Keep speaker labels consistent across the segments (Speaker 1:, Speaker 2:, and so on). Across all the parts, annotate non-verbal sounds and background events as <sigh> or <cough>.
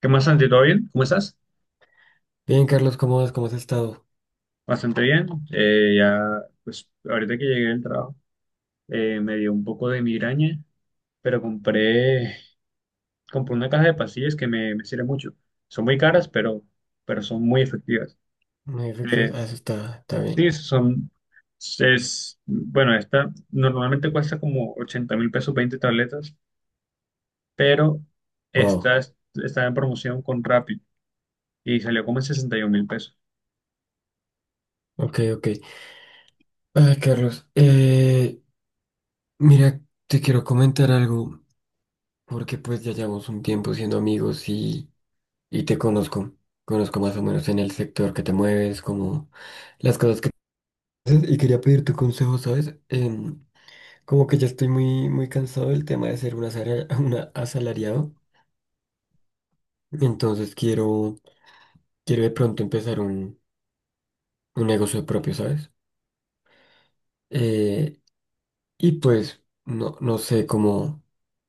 Speaker 1: ¿Qué más, Santi? ¿Todo bien? ¿Cómo estás?
Speaker 2: Bien, Carlos, ¿cómo vas? ¿Cómo has estado?
Speaker 1: Bastante bien. Ya, pues, ahorita que llegué del trabajo, me dio un poco de migraña, pero compré una caja de pastillas que me sirve mucho. Son muy caras, pero son muy efectivas.
Speaker 2: Muy efectivos.
Speaker 1: Eh,
Speaker 2: Ah, eso está, está bien.
Speaker 1: sí, bueno, esta normalmente cuesta como 80.000 pesos, 20 tabletas, pero
Speaker 2: Wow.
Speaker 1: esta es- está en promoción con Rappi y salió como en 61 mil pesos.
Speaker 2: Ok, ok. Ay, Carlos, mira, te quiero comentar algo, porque pues ya llevamos un tiempo siendo amigos y te conozco. Conozco más o menos en el sector que te mueves, como las cosas que haces, y quería pedir tu consejo, ¿sabes? Como que ya estoy muy cansado del tema de ser un asalar- <laughs> una asalariado, entonces quiero, quiero de pronto empezar un negocio propio, ¿sabes? Eh, Y pues, no sé cómo,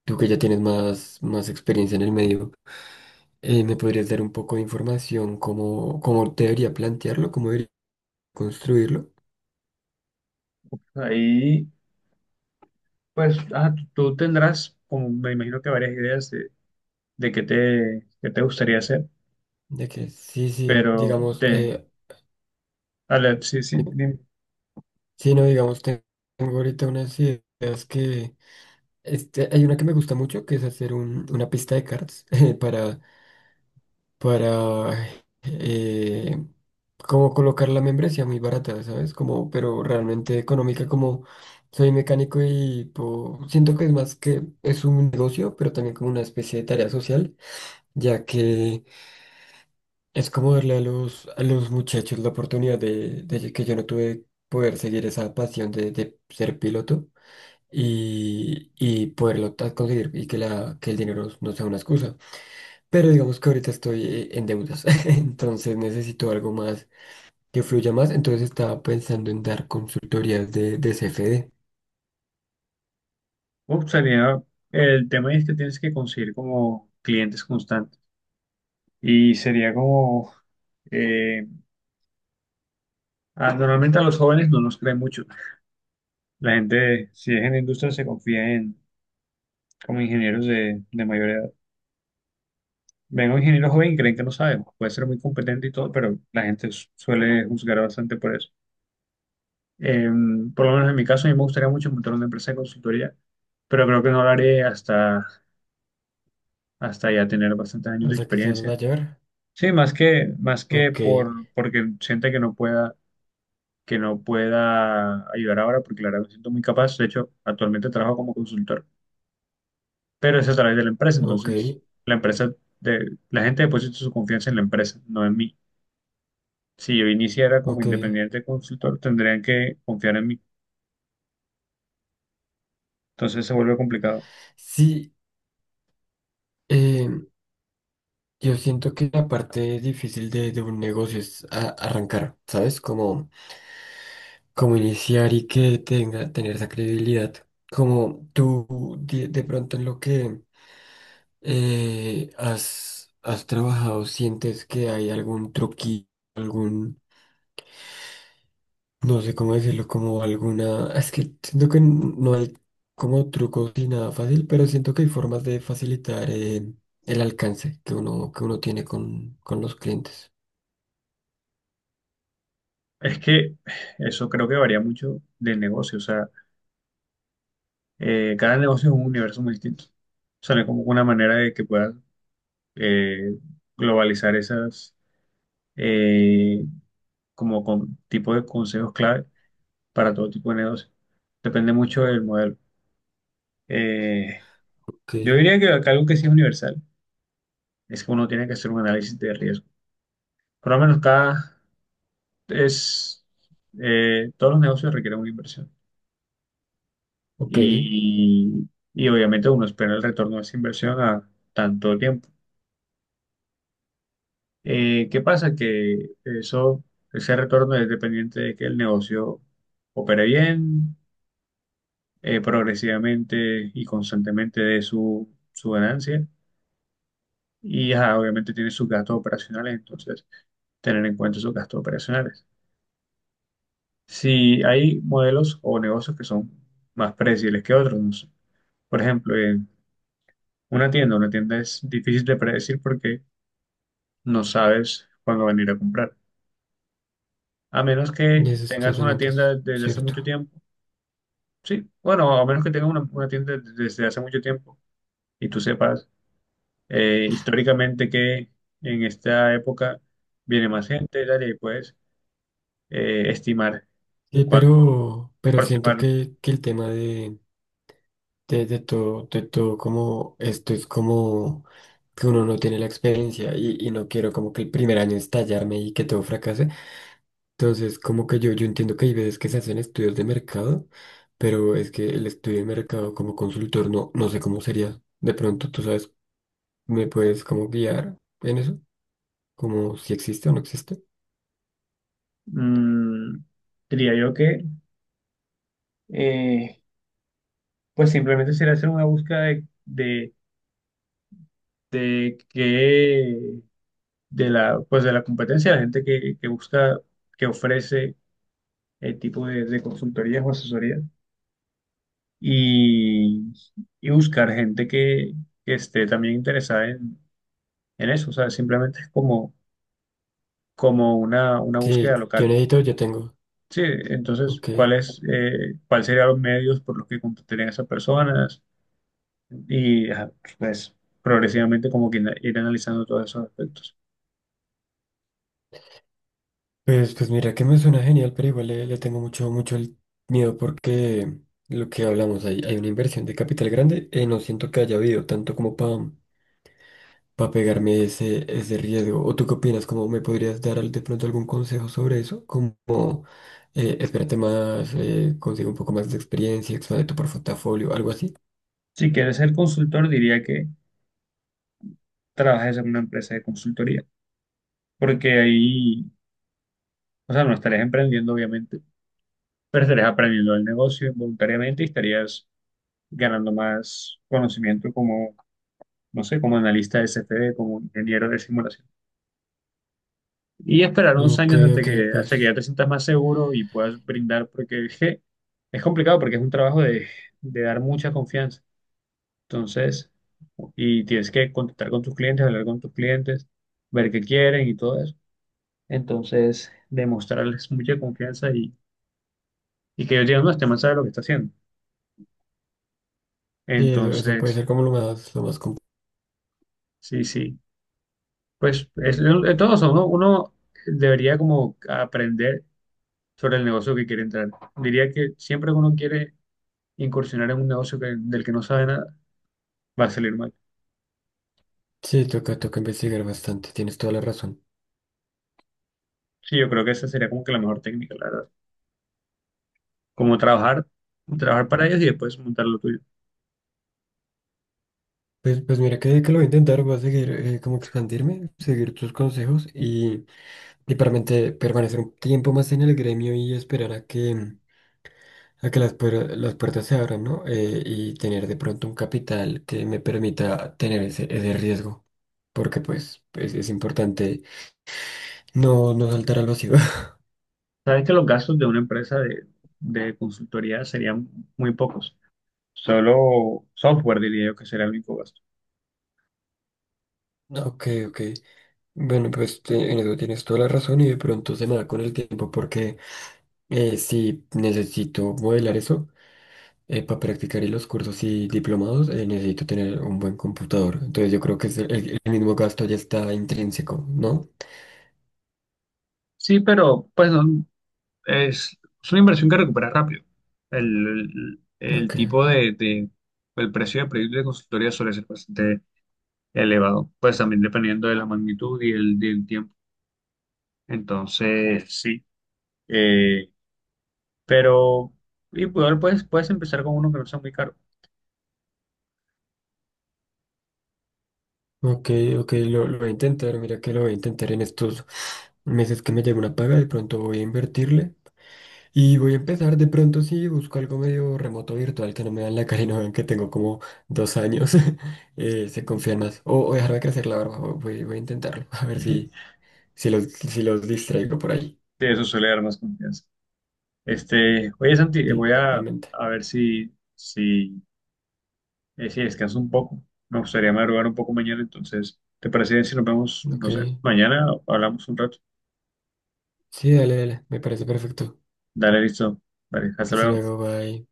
Speaker 2: tú que ya tienes más experiencia en el medio, ¿me podrías dar un poco de información cómo, cómo debería plantearlo, cómo debería construirlo?
Speaker 1: Ahí. Pues ajá, tú tendrás, como me imagino que varias ideas de qué te gustaría hacer,
Speaker 2: De que sí, sí,
Speaker 1: pero
Speaker 2: digamos,
Speaker 1: te, sí, sí, me
Speaker 2: sí, no, digamos, tengo ahorita unas ideas que, este, hay una que me gusta mucho, que es hacer una pista de cards <laughs> para para eh, como colocar la membresía muy barata, ¿sabes? Como, pero realmente económica, como soy mecánico y siento que es más que es un negocio, pero también como una especie de tarea social, ya que es como darle a los muchachos la oportunidad de que yo no tuve poder seguir esa pasión de ser piloto. Y poderlo conseguir y que, la, que el dinero no sea una excusa. Pero digamos que ahorita estoy en deudas, <laughs> entonces necesito algo más que fluya más. Entonces estaba pensando en dar consultorías de CFD.
Speaker 1: gustaría. El tema es que tienes que conseguir como clientes constantes y sería como, eh, normalmente a los jóvenes no nos creen mucho. La gente, si es en la industria, se confía en como ingenieros de mayor edad. Ven a un ingeniero joven y creen que no sabe, puede ser muy competente y todo, pero la gente suele juzgar bastante por eso. Eh, por lo menos en mi caso, a mí me gustaría mucho montar una empresa de consultoría, pero creo que no lo haré hasta, ya tener bastantes años de
Speaker 2: Hasta que seas
Speaker 1: experiencia.
Speaker 2: mayor.
Speaker 1: Sí, más que
Speaker 2: Ok,
Speaker 1: porque siente que que no pueda ayudar ahora, porque la verdad me siento muy capaz. De hecho, actualmente trabajo como consultor, pero es a través de la empresa.
Speaker 2: ok,
Speaker 1: Entonces, la empresa la gente deposita su confianza en la empresa, no en mí. Si yo iniciara como
Speaker 2: ok.
Speaker 1: independiente consultor, tendrían que confiar en mí. Entonces se vuelve complicado.
Speaker 2: Sí, eh, yo siento que la parte difícil de un negocio es arrancar, ¿sabes? Como, como iniciar y que tenga, tener esa credibilidad. Como tú de pronto en lo que ¿has, has trabajado? ¿Sientes que hay algún truquillo, algún, no sé cómo decirlo, como alguna, es que siento que no hay como trucos ni nada fácil, pero siento que hay formas de facilitar el alcance que uno tiene con los clientes.
Speaker 1: Es que eso creo que varía mucho del negocio, o sea, cada negocio es un universo muy distinto. O sea, no hay como una manera de que puedas eh, globalizar esas eh, como con tipo de consejos clave para todo tipo de negocio. Depende mucho del modelo. Eh,
Speaker 2: Ok,
Speaker 1: yo diría que acá algo que sí es universal es que uno tiene que hacer un análisis de riesgo. Por lo menos cada es todos los negocios requieren una inversión.
Speaker 2: ok, eso
Speaker 1: y, y obviamente uno espera el retorno de esa inversión a tanto tiempo. ¿Qué pasa? Que ese retorno es dependiente de que el negocio opere bien, progresivamente y constantemente de su ganancia y ajá, obviamente tiene sus gastos operacionales, entonces tener en cuenta sus gastos operacionales. Si hay modelos o negocios que son más predecibles que otros, no sé. Por ejemplo, una tienda es difícil de predecir porque no sabes cuándo venir a comprar. A menos que
Speaker 2: es
Speaker 1: tengas una
Speaker 2: totalmente
Speaker 1: tienda desde hace
Speaker 2: cierto.
Speaker 1: mucho tiempo. Sí, bueno, a menos que tengas una tienda desde hace mucho tiempo y tú sepas históricamente que en esta época viene más gente, tal y puedes estimar
Speaker 2: Sí,
Speaker 1: cuánto
Speaker 2: pero siento
Speaker 1: aproximar.
Speaker 2: que el tema de todo, como esto es como que uno no tiene la experiencia y no quiero como que el primer año estallarme y que todo fracase. Entonces, como que yo entiendo que hay veces que se hacen estudios de mercado, pero es que el estudio de mercado como consultor no, no sé cómo sería. De pronto, tú sabes, ¿me puedes como guiar en eso? Como si existe o no existe.
Speaker 1: Mm, Diría yo que, eh, pues simplemente sería hacer una búsqueda de que de la, pues de la competencia, la gente que busca, que ofrece el tipo de consultorías o asesorías y, y buscar gente que esté también interesada en eso. O sea, simplemente es como una
Speaker 2: Sí,
Speaker 1: búsqueda
Speaker 2: yo
Speaker 1: local.
Speaker 2: necesito, yo tengo.
Speaker 1: Sí, entonces,
Speaker 2: Ok.
Speaker 1: cuál serían los medios por los que contactarían a esas personas? Y ajá, pues progresivamente como que ir analizando todos esos aspectos.
Speaker 2: Pues, pues mira que me suena genial, pero igual le, le tengo mucho, mucho el miedo porque lo que hablamos, hay una inversión de capital grande, no siento que haya habido tanto como para pegarme ese, ese riesgo. ¿O tú qué opinas? ¿Cómo me podrías dar de pronto algún consejo sobre eso? Como espérate más, consigue un poco más de experiencia, expande tu portafolio, algo así.
Speaker 1: Si quieres ser consultor, diría que trabajes en una empresa de consultoría, porque ahí, o sea, no estarías emprendiendo, obviamente pero estarías aprendiendo el negocio voluntariamente y estarías ganando más conocimiento como, no sé, como analista de CFD, como ingeniero de simulación. Y esperar unos
Speaker 2: Ok,
Speaker 1: años hasta
Speaker 2: ok,
Speaker 1: que, hasta que ya
Speaker 2: pues
Speaker 1: te sientas más seguro y puedas brindar, porque es complicado, porque es un trabajo de dar mucha confianza. Entonces, y tienes que contactar con tus clientes, hablar con tus clientes, ver qué quieren y todo eso. Entonces, demostrarles mucha confianza y que ellos digan, no, este man sabe lo que está haciendo.
Speaker 2: sí, eso puede
Speaker 1: Entonces,
Speaker 2: ser como lo más, lo más complejo.
Speaker 1: sí, sí. Pues es todo eso, ¿no? Uno debería como aprender sobre el negocio que quiere entrar. Diría que siempre que uno quiere incursionar en un negocio del que no sabe nada, va a salir mal.
Speaker 2: Sí, toca, toca investigar bastante, tienes toda la razón.
Speaker 1: Sí, yo creo que esa sería como que la mejor técnica, la verdad. Como trabajar para ellos y después montar lo tuyo.
Speaker 2: Pues, pues mira que lo voy a intentar, voy a seguir como expandirme, seguir tus consejos y permanecer un tiempo más en el gremio y esperar a que las, las puertas se abran, ¿no? Y tener de pronto un capital que me permita tener ese, ese riesgo, porque pues es importante no, no saltar al vacío. <laughs>
Speaker 1: Sabes que los gastos de una empresa de consultoría serían muy pocos. Solo software diría yo que sería el único gasto.
Speaker 2: Ok, ok. Bueno, pues en eso tienes toda la razón y de pronto se me da con el tiempo porque sí necesito modelar eso para practicar y los cursos y diplomados necesito tener un buen computador. Entonces yo creo que es el mismo gasto ya está intrínseco, ¿no?
Speaker 1: Sí, pero pues no, es una inversión que recupera rápido. El, el- el
Speaker 2: Ok,
Speaker 1: tipo de, de- el precio de proyecto de consultoría suele ser bastante elevado, pues también dependiendo de la magnitud y del tiempo. Entonces, sí, eh, pero y pues, puedes empezar con uno que no sea muy caro.
Speaker 2: ok, ok, lo voy a intentar, mira que lo voy a intentar en estos meses que me llegue una paga, de pronto voy a invertirle. Y voy a empezar de pronto, si busco algo medio remoto virtual que no me dan la cara y no vean que tengo como dos años. <laughs> Se confían más. O dejarme crecer la barba, voy, voy a intentarlo. <laughs> A ver si,
Speaker 1: <laughs>
Speaker 2: si, los, si los distraigo por ahí.
Speaker 1: Sí, eso suele dar más confianza. Oye, Santi,
Speaker 2: Sí, realmente.
Speaker 1: a ver si sí, descanso un poco. Me gustaría madrugar un poco mañana, entonces, ¿te parece bien si nos vemos, no
Speaker 2: Ok.
Speaker 1: sé, mañana o hablamos un rato?
Speaker 2: Sí, dale, dale. Me parece perfecto.
Speaker 1: Dale, listo. Vale, hasta
Speaker 2: Hasta
Speaker 1: luego.
Speaker 2: luego, bye.